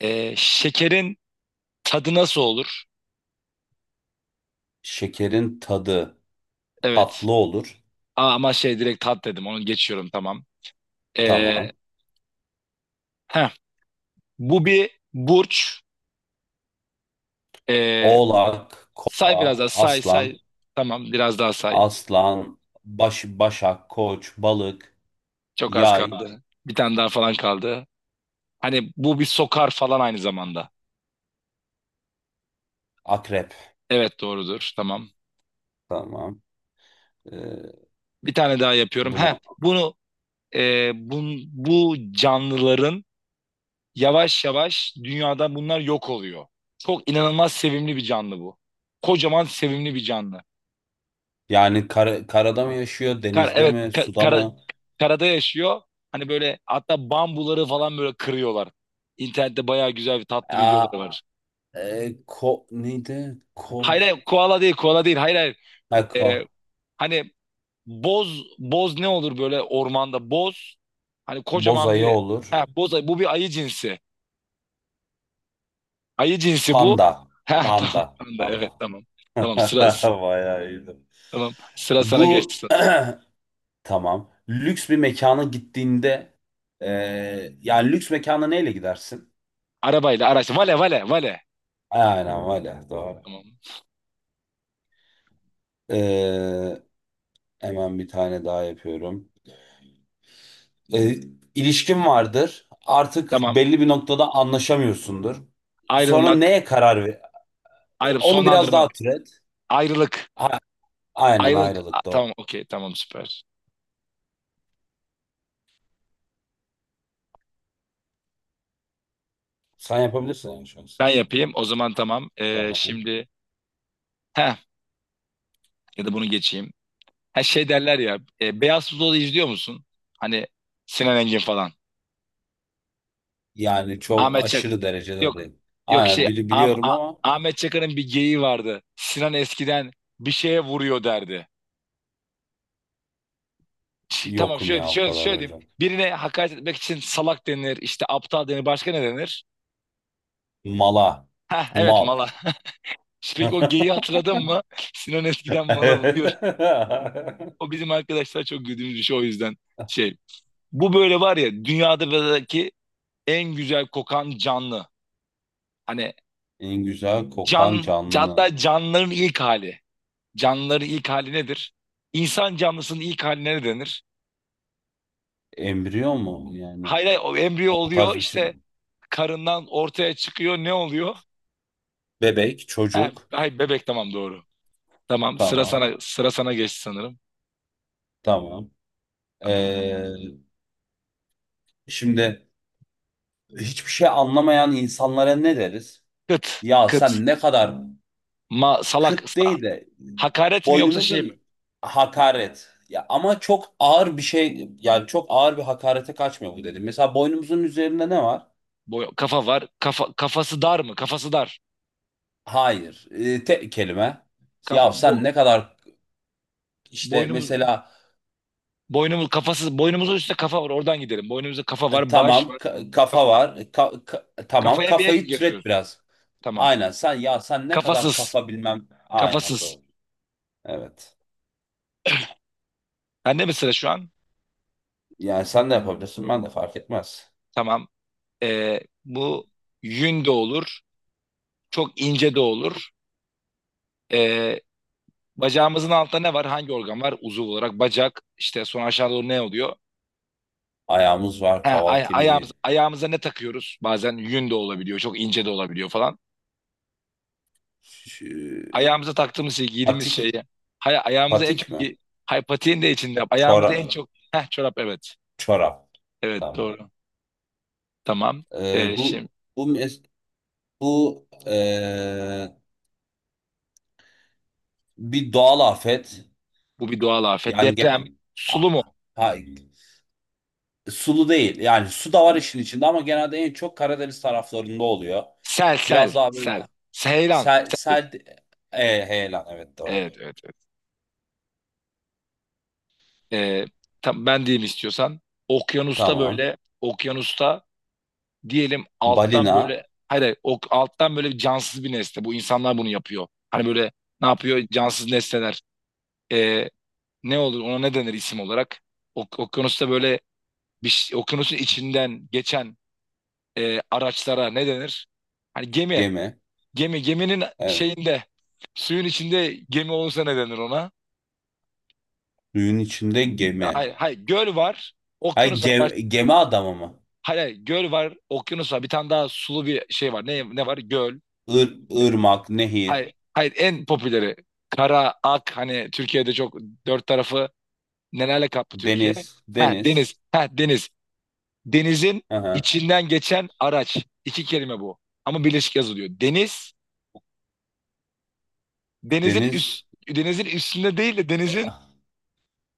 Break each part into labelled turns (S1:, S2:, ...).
S1: Şekerin tadı nasıl olur?
S2: Şekerin tadı
S1: Evet.
S2: tatlı olur.
S1: Aa, ama şey direkt tat dedim. Onu geçiyorum, tamam. Ee,
S2: Tamam.
S1: heh. Bu bir burç. Ee,
S2: Oğlak,
S1: Say, biraz
S2: kova,
S1: daha say
S2: aslan,
S1: say. Tamam, biraz daha say.
S2: aslan, başak, koç, balık,
S1: Çok az
S2: yay,
S1: kaldı. Bir tane daha falan kaldı. Hani bu bir sokar falan aynı zamanda.
S2: akrep.
S1: Evet, doğrudur, tamam.
S2: Tamam. Ee,
S1: Bir tane daha yapıyorum. Heh.
S2: bunu
S1: Bunu, e, bu canlıların yavaş yavaş dünyada bunlar yok oluyor. Çok inanılmaz sevimli bir canlı bu. Kocaman sevimli bir canlı.
S2: yani karada mı yaşıyor,
S1: Kar,
S2: denizde
S1: evet,
S2: mi, suda
S1: kara-
S2: mı?
S1: karada yaşıyor. Hani böyle, hatta bambuları falan böyle kırıyorlar. İnternette bayağı güzel bir tatlı
S2: Aa,
S1: videoları var.
S2: ko neydi? Ko
S1: Hayır hayır, koala değil, koala değil. Hayır hayır.
S2: ha, ko
S1: Ee, Hani boz ne olur böyle ormanda, boz. Hani
S2: boz
S1: kocaman
S2: ayı
S1: bir,
S2: olur.
S1: ha, boz ayı. Bu bir ayı cinsi. Ayı cinsi bu.
S2: Panda,
S1: Ha tamam.
S2: panda,
S1: Tamam da, evet
S2: panda.
S1: tamam. Tamam sıra
S2: Bayağı iyiydi.
S1: Tamam. Sıra sana geçti
S2: Bu
S1: sanırım.
S2: Tamam. Lüks bir mekana gittiğinde yani lüks mekana neyle gidersin?
S1: Arabayla, araç. Vale vale vale.
S2: Aynen öyle. Doğru.
S1: Tamam.
S2: Eee, hemen bir tane daha yapıyorum. Eee ilişkin vardır. Artık
S1: Tamam.
S2: belli bir noktada anlaşamıyorsundur. Sonra
S1: Ayrılmak.
S2: neye karar ver? E,
S1: Ayrılıp
S2: Onu biraz
S1: sonlandırmak.
S2: daha türet.
S1: Ayrılık.
S2: A- aynen
S1: Ayrılık. A-
S2: ayrılık doğru.
S1: tamam, okey, tamam, süper.
S2: Sen yapabilirsin yani şu an
S1: Ben
S2: istersen.
S1: yapayım o zaman, tamam.
S2: Tamam.
S1: Heh, ya da bunu geçeyim. Her şey derler ya. Beyaz Futbolu izliyor musun? Hani Sinan Engin falan.
S2: Yani çok
S1: Ahmet Çak.
S2: aşırı derecede
S1: Yok.
S2: değil.
S1: Yok,
S2: Aynen
S1: şey,
S2: bili biliyorum ama
S1: Ahmet Çakar'ın bir geyiği vardı. Sinan eskiden bir şeye vuruyor derdi. Şi- tamam,
S2: yokum
S1: şöyle
S2: ya o
S1: şöyle
S2: kadar
S1: şöyle diyeyim.
S2: öyle.
S1: Birine hakaret etmek için salak denir, işte aptal denir, başka ne denir?
S2: Mala.
S1: Heh, evet,
S2: Mal.
S1: mala. Peki o geyiği hatırladın mı? Sinan eskiden mala vuruyor. O bizim arkadaşlar çok güldüğümüz bir şey, o yüzden şey. Bu böyle, var ya, dünyadaki en güzel kokan canlı. Hani
S2: En güzel kokan
S1: can,
S2: canlı.
S1: hatta canlıların ilk hali. Canlıların ilk hali nedir? İnsan canlısının ilk haline ne denir?
S2: Embriyo mu? Yani
S1: Hayır, hayır, o embriyo
S2: o
S1: oluyor
S2: tarz bir şey.
S1: işte, karından ortaya çıkıyor, ne oluyor?
S2: Bebek,
S1: Ha,
S2: çocuk.
S1: ay, bebek, tamam, doğru.
S2: Tamam.
S1: Sıra sana geçti sanırım.
S2: Tamam.
S1: Tamam.
S2: Ee, şimdi hiçbir şey anlamayan insanlara ne deriz?
S1: Kıt
S2: Ya
S1: kıt
S2: sen ne kadar
S1: ma salak
S2: kıt
S1: sa-
S2: değil de
S1: hakaret mi yoksa şey mi?
S2: boynumuzun hakaret. Ya ama çok ağır bir şey yani çok ağır bir hakarete kaçmıyor bu dedim. Mesela boynumuzun üzerinde ne var?
S1: Boy, kafa var. Kafa, kafası dar mı? Kafası dar.
S2: Hayır. Tek kelime.
S1: Kafa
S2: Ya sen
S1: bu,
S2: ne kadar işte
S1: boynumuz
S2: mesela
S1: boynumuzun üstte kafa var. Oradan gidelim. Boynumuzda kafa var, baş
S2: tamam
S1: var.
S2: kafa
S1: Kafa.
S2: var. Tamam
S1: Kafaya bir ek mi
S2: kafayı türet
S1: getiriyoruz?
S2: biraz.
S1: Tamam.
S2: Aynen sen ya sen ne kadar
S1: Kafasız.
S2: kafa bilmem. Aynen
S1: Kafasız.
S2: doğru. Evet.
S1: Bende mi sıra şu an?
S2: Yani sen de yapabilirsin ben de fark etmez.
S1: Tamam. Bu yün de olur. Çok ince de olur. Ee, Bacağımızın altında ne var? Hangi organ var? Uzuv olarak bacak. İşte sonra aşağı doğru ne oluyor?
S2: Ayağımız var,
S1: He,
S2: kaval
S1: ay- ayağımız,
S2: kemiği.
S1: ayağımıza ne takıyoruz? Bazen yün de olabiliyor. Çok ince de olabiliyor falan.
S2: Ş-
S1: Ayağımıza taktığımız şey, giydiğimiz
S2: Patik,
S1: şeyi. Hay, ayağımıza en çok...
S2: patik mi?
S1: Hay, patiğin de içinde. Ayağımıza
S2: Çorap.
S1: en çok... Heh, çorap, evet.
S2: Çorap.
S1: Evet,
S2: Tamam.
S1: doğru. Tamam.
S2: E, bu
S1: Şimdi
S2: bu mes- bu bir doğal afet.
S1: bu bir doğal afet.
S2: Yani
S1: Deprem.
S2: genel.
S1: Sulu mu?
S2: Ha, sulu değil. Yani su da var işin içinde ama genelde en çok Karadeniz taraflarında oluyor.
S1: Sel, sel,
S2: Biraz daha
S1: sel.
S2: böyle
S1: Seyran.
S2: sel,
S1: Sel.
S2: sel heyelan, evet doğru.
S1: Evet, evet, evet. Ee, Tam ben diyeyim istiyorsan. Okyanusta
S2: Tamam.
S1: böyle, okyanusta diyelim alttan
S2: Balina,
S1: böyle, hayır, hayır, o alttan böyle cansız bir nesne. Bu insanlar bunu yapıyor. Hani böyle ne yapıyor? Cansız nesneler. Ee, Ne olur, ona ne denir isim olarak? Ok Okyanusta böyle bir şey- okyanusun içinden geçen araçlara ne denir? Hani gemi.
S2: gemi.
S1: Gemi, geminin
S2: Evet.
S1: şeyinde, suyun içinde gemi olursa ne denir ona?
S2: Suyun içinde gemi.
S1: Hayır, hayır, göl var.
S2: Ha,
S1: Okyanus var. Baş-
S2: gemi adamı mı?
S1: hayır, hayır, göl var. Okyanus var. Bir tane daha sulu bir şey var. Ne, ne var? Göl.
S2: Ir, ırmak, nehir,
S1: Hayır, hayır, en popüleri. Kara, ak, hani Türkiye'de çok, dört tarafı nelerle kaplı Türkiye?
S2: deniz,
S1: Ha
S2: deniz.
S1: deniz, ha deniz. Denizin
S2: Aha.
S1: içinden geçen araç. İki kelime bu. Ama birleşik yazılıyor. Deniz, denizin üst,
S2: Deniz,
S1: denizin üstünde değil de denizin,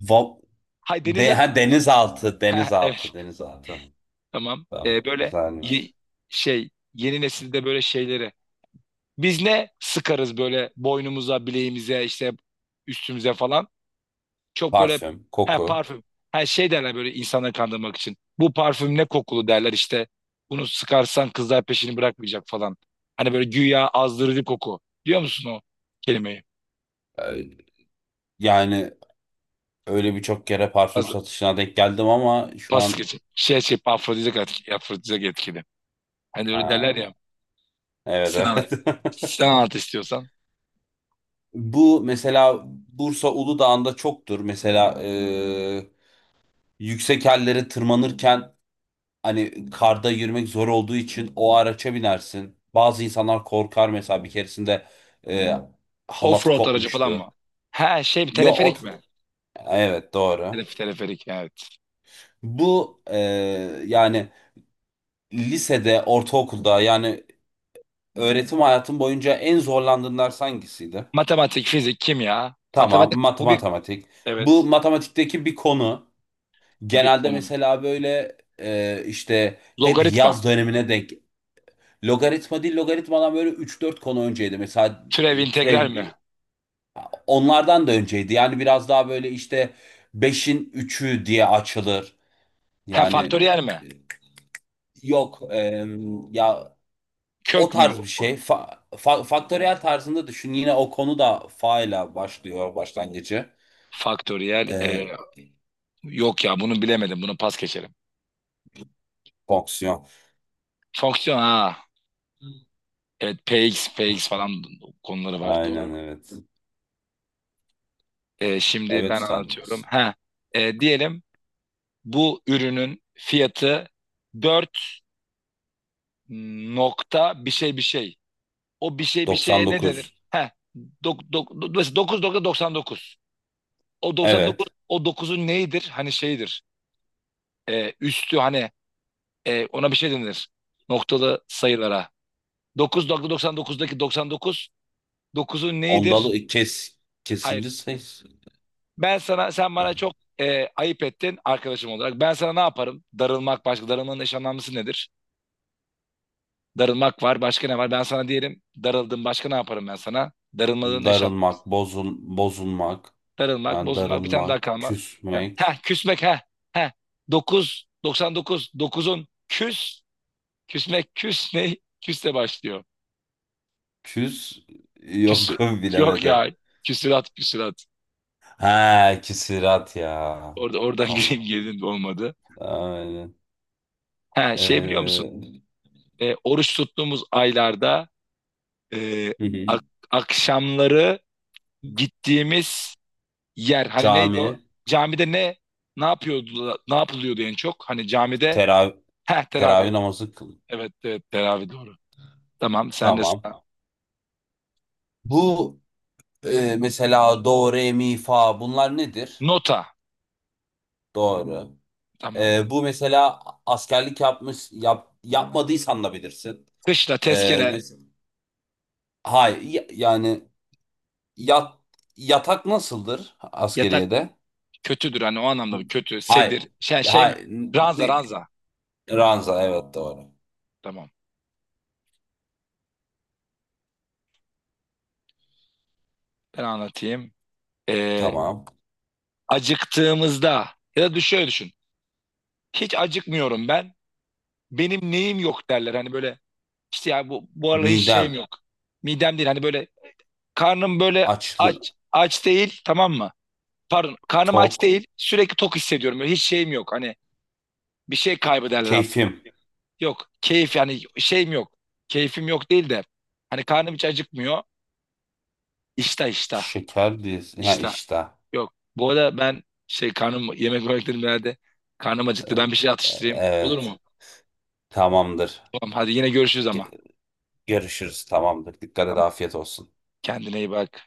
S2: va,
S1: hay, denizin,
S2: ha, denizaltı,
S1: ha, evet,
S2: denizaltı, denizaltı.
S1: tamam.
S2: Tamam,
S1: Böyle
S2: güzelmiş.
S1: ye- şey, yeni nesilde böyle şeyleri. Biz ne sıkarız böyle boynumuza, bileğimize, işte üstümüze falan. Çok böyle,
S2: Parfüm,
S1: her
S2: koku.
S1: parfüm. Her şey derler böyle insanları kandırmak için. Bu parfüm ne kokulu derler işte. Bunu sıkarsan kızlar peşini bırakmayacak falan. Hani böyle güya azdırıcı koku. Diyor musun o kelimeyi?
S2: Ee, Yani öyle birçok kere parfüm
S1: Az,
S2: satışına denk geldim ama şu
S1: pas
S2: an
S1: geçin. Şey şey, afrodizyak etkili. Afrodizyak etkili. Hani öyle derler
S2: ha,
S1: ya. Sen
S2: evet,
S1: anlat.
S2: evet.
S1: Sen anlat istiyorsan.
S2: Bu mesela Bursa Uludağ'ında çoktur. Mesela yüksek yerlere tırmanırken hani karda yürümek zor olduğu için o araça binersin. Bazı insanlar korkar mesela bir keresinde e, halatı
S1: Offroad aracı falan
S2: kopmuştu.
S1: mı? He şey mi,
S2: Yo o
S1: teleferik mi?
S2: evet doğru.
S1: Telef, teleferik, evet.
S2: Bu yani lisede, ortaokulda yani öğretim hayatım boyunca en zorlandığın ders hangisiydi?
S1: Matematik, fizik, kimya.
S2: Tamam,
S1: Matematik,
S2: mat
S1: bu bir,
S2: matematik. Bu
S1: evet.
S2: matematikteki bir konu.
S1: Bu bir
S2: Genelde
S1: konu.
S2: mesela böyle işte hep
S1: Logaritma.
S2: yaz dönemine denk. Logaritma değil, logaritmadan böyle üç dört konu önceydi. Mesela
S1: Türev integral
S2: türev
S1: mi?
S2: onlardan da önceydi. Yani biraz daha böyle işte beşin üçü diye açılır.
S1: He,
S2: Yani hmm,
S1: faktöriyel mi?
S2: yok, ya o
S1: Kök mü?
S2: tarz bir şey. Faktöriyel tarzında düşün. Yine o konu da fa ile başlıyor başlangıcı.
S1: Faktöriyel,
S2: E,
S1: yok ya, bunu bilemedim. Bunu pas geçerim.
S2: fonksiyon.
S1: Fonksiyon, ha. Evet, px, px falan konuları var,
S2: Aynen
S1: doğru.
S2: evet.
S1: Şimdi
S2: Evet
S1: ben anlatıyorum.
S2: Stardust.
S1: Ha, diyelim bu ürünün fiyatı 4 nokta bir şey bir şey. O bir şey bir şeye ne denir?
S2: 99.
S1: Heh, do- mesela dokuz nokta doksan dokuz. O doksan dokuz,
S2: Evet.
S1: o dokuzun neyidir? Hani şeydir. Üstü, hani, ona bir şey denir. Noktalı sayılara. Dokuz nokta doksan dokuzdaki doksan dokuz, dokuzun neyidir?
S2: Ondalı
S1: Hayır.
S2: kesildi ses.
S1: Ben sana, sen bana çok ayıp ettin arkadaşım olarak. Ben sana ne yaparım? Darılmak başka. Darılmanın eş anlamlısı nedir? Darılmak var. Başka ne var? Ben sana diyelim darıldım. Başka ne yaparım ben sana? Darılmanın eş,
S2: Darılmak, bozulmak,
S1: darılmak,
S2: ha,
S1: bozulmak, bir tane
S2: darılmak,
S1: daha kalmak. Ha,
S2: küsmek,
S1: küsmek, ha. Dokuz doksan dokuz, dokuzun küs, küsmek, küs ne? Küsle başlıyor.
S2: küs yok,
S1: Küsü, yok
S2: bilemedim.
S1: ya. Küsürat, küsürat.
S2: Ha, küsirat ya.
S1: Oradan gireyim,
S2: Tamam.
S1: girdin olmadı.
S2: Aynen.
S1: He, şey biliyor musun?
S2: Ee,
S1: Oruç tuttuğumuz aylarda, e,
S2: hı hı.
S1: ak- akşamları gittiğimiz yer, hani neydi
S2: Cami,
S1: o? Camide ne, ne yapıyordu, ne yapılıyordu en çok? Hani camide,
S2: terav
S1: ha, teravih.
S2: teravih namazı kıl.
S1: Evet, evet, teravih, doğru. Tamam, sen de
S2: Tamam.
S1: sağ.
S2: Bu mesela do, re, mi, fa bunlar nedir?
S1: Nota.
S2: Doğru.
S1: Tamam.
S2: Bu mesela askerlik yapmış yapmadıysan da bilirsin.
S1: Kışla, tezkere,
S2: Mes hayır yani, yat, yatak nasıldır
S1: yatak
S2: askeriyede?
S1: kötüdür, hani o anlamda kötü.
S2: Hayır.
S1: Sedir. Şey, şey mi?
S2: Hayır.
S1: Ranza,
S2: Ne?
S1: ranza.
S2: Ranza, evet doğru.
S1: Tamam. Ben anlatayım. Ee,
S2: Tamam.
S1: Acıktığımızda ya da düş- şöyle düşün. Hiç acıkmıyorum ben. Benim neyim yok derler. Hani böyle işte, ya bu, bu aralar hiç
S2: Midem,
S1: şeyim yok. Midem değil. Hani böyle karnım böyle aç,
S2: açlı
S1: aç değil, tamam mı? Pardon, karnım aç
S2: tok,
S1: değil. Sürekli tok hissediyorum. Böyle hiç şeyim yok. Hani bir şey kaybederler hatta.
S2: keyfim,
S1: Yok keyif, yani şeyim yok. Keyfim yok değil de hani karnım hiç acıkmıyor. İştah
S2: şeker diyorsun. Ha
S1: iştah.
S2: işte.
S1: Yok. Bu arada ben şey, karnım yemek yemeklerim herhalde. Karnım acıktı.
S2: Ee,
S1: Ben bir şey atıştırayım. Olur
S2: Evet.
S1: mu?
S2: Tamamdır.
S1: Tamam, hadi yine görüşürüz ama.
S2: Ge- Görüşürüz. Tamamdır. Dikkat et.
S1: Tamam.
S2: Afiyet olsun.
S1: Kendine iyi bak.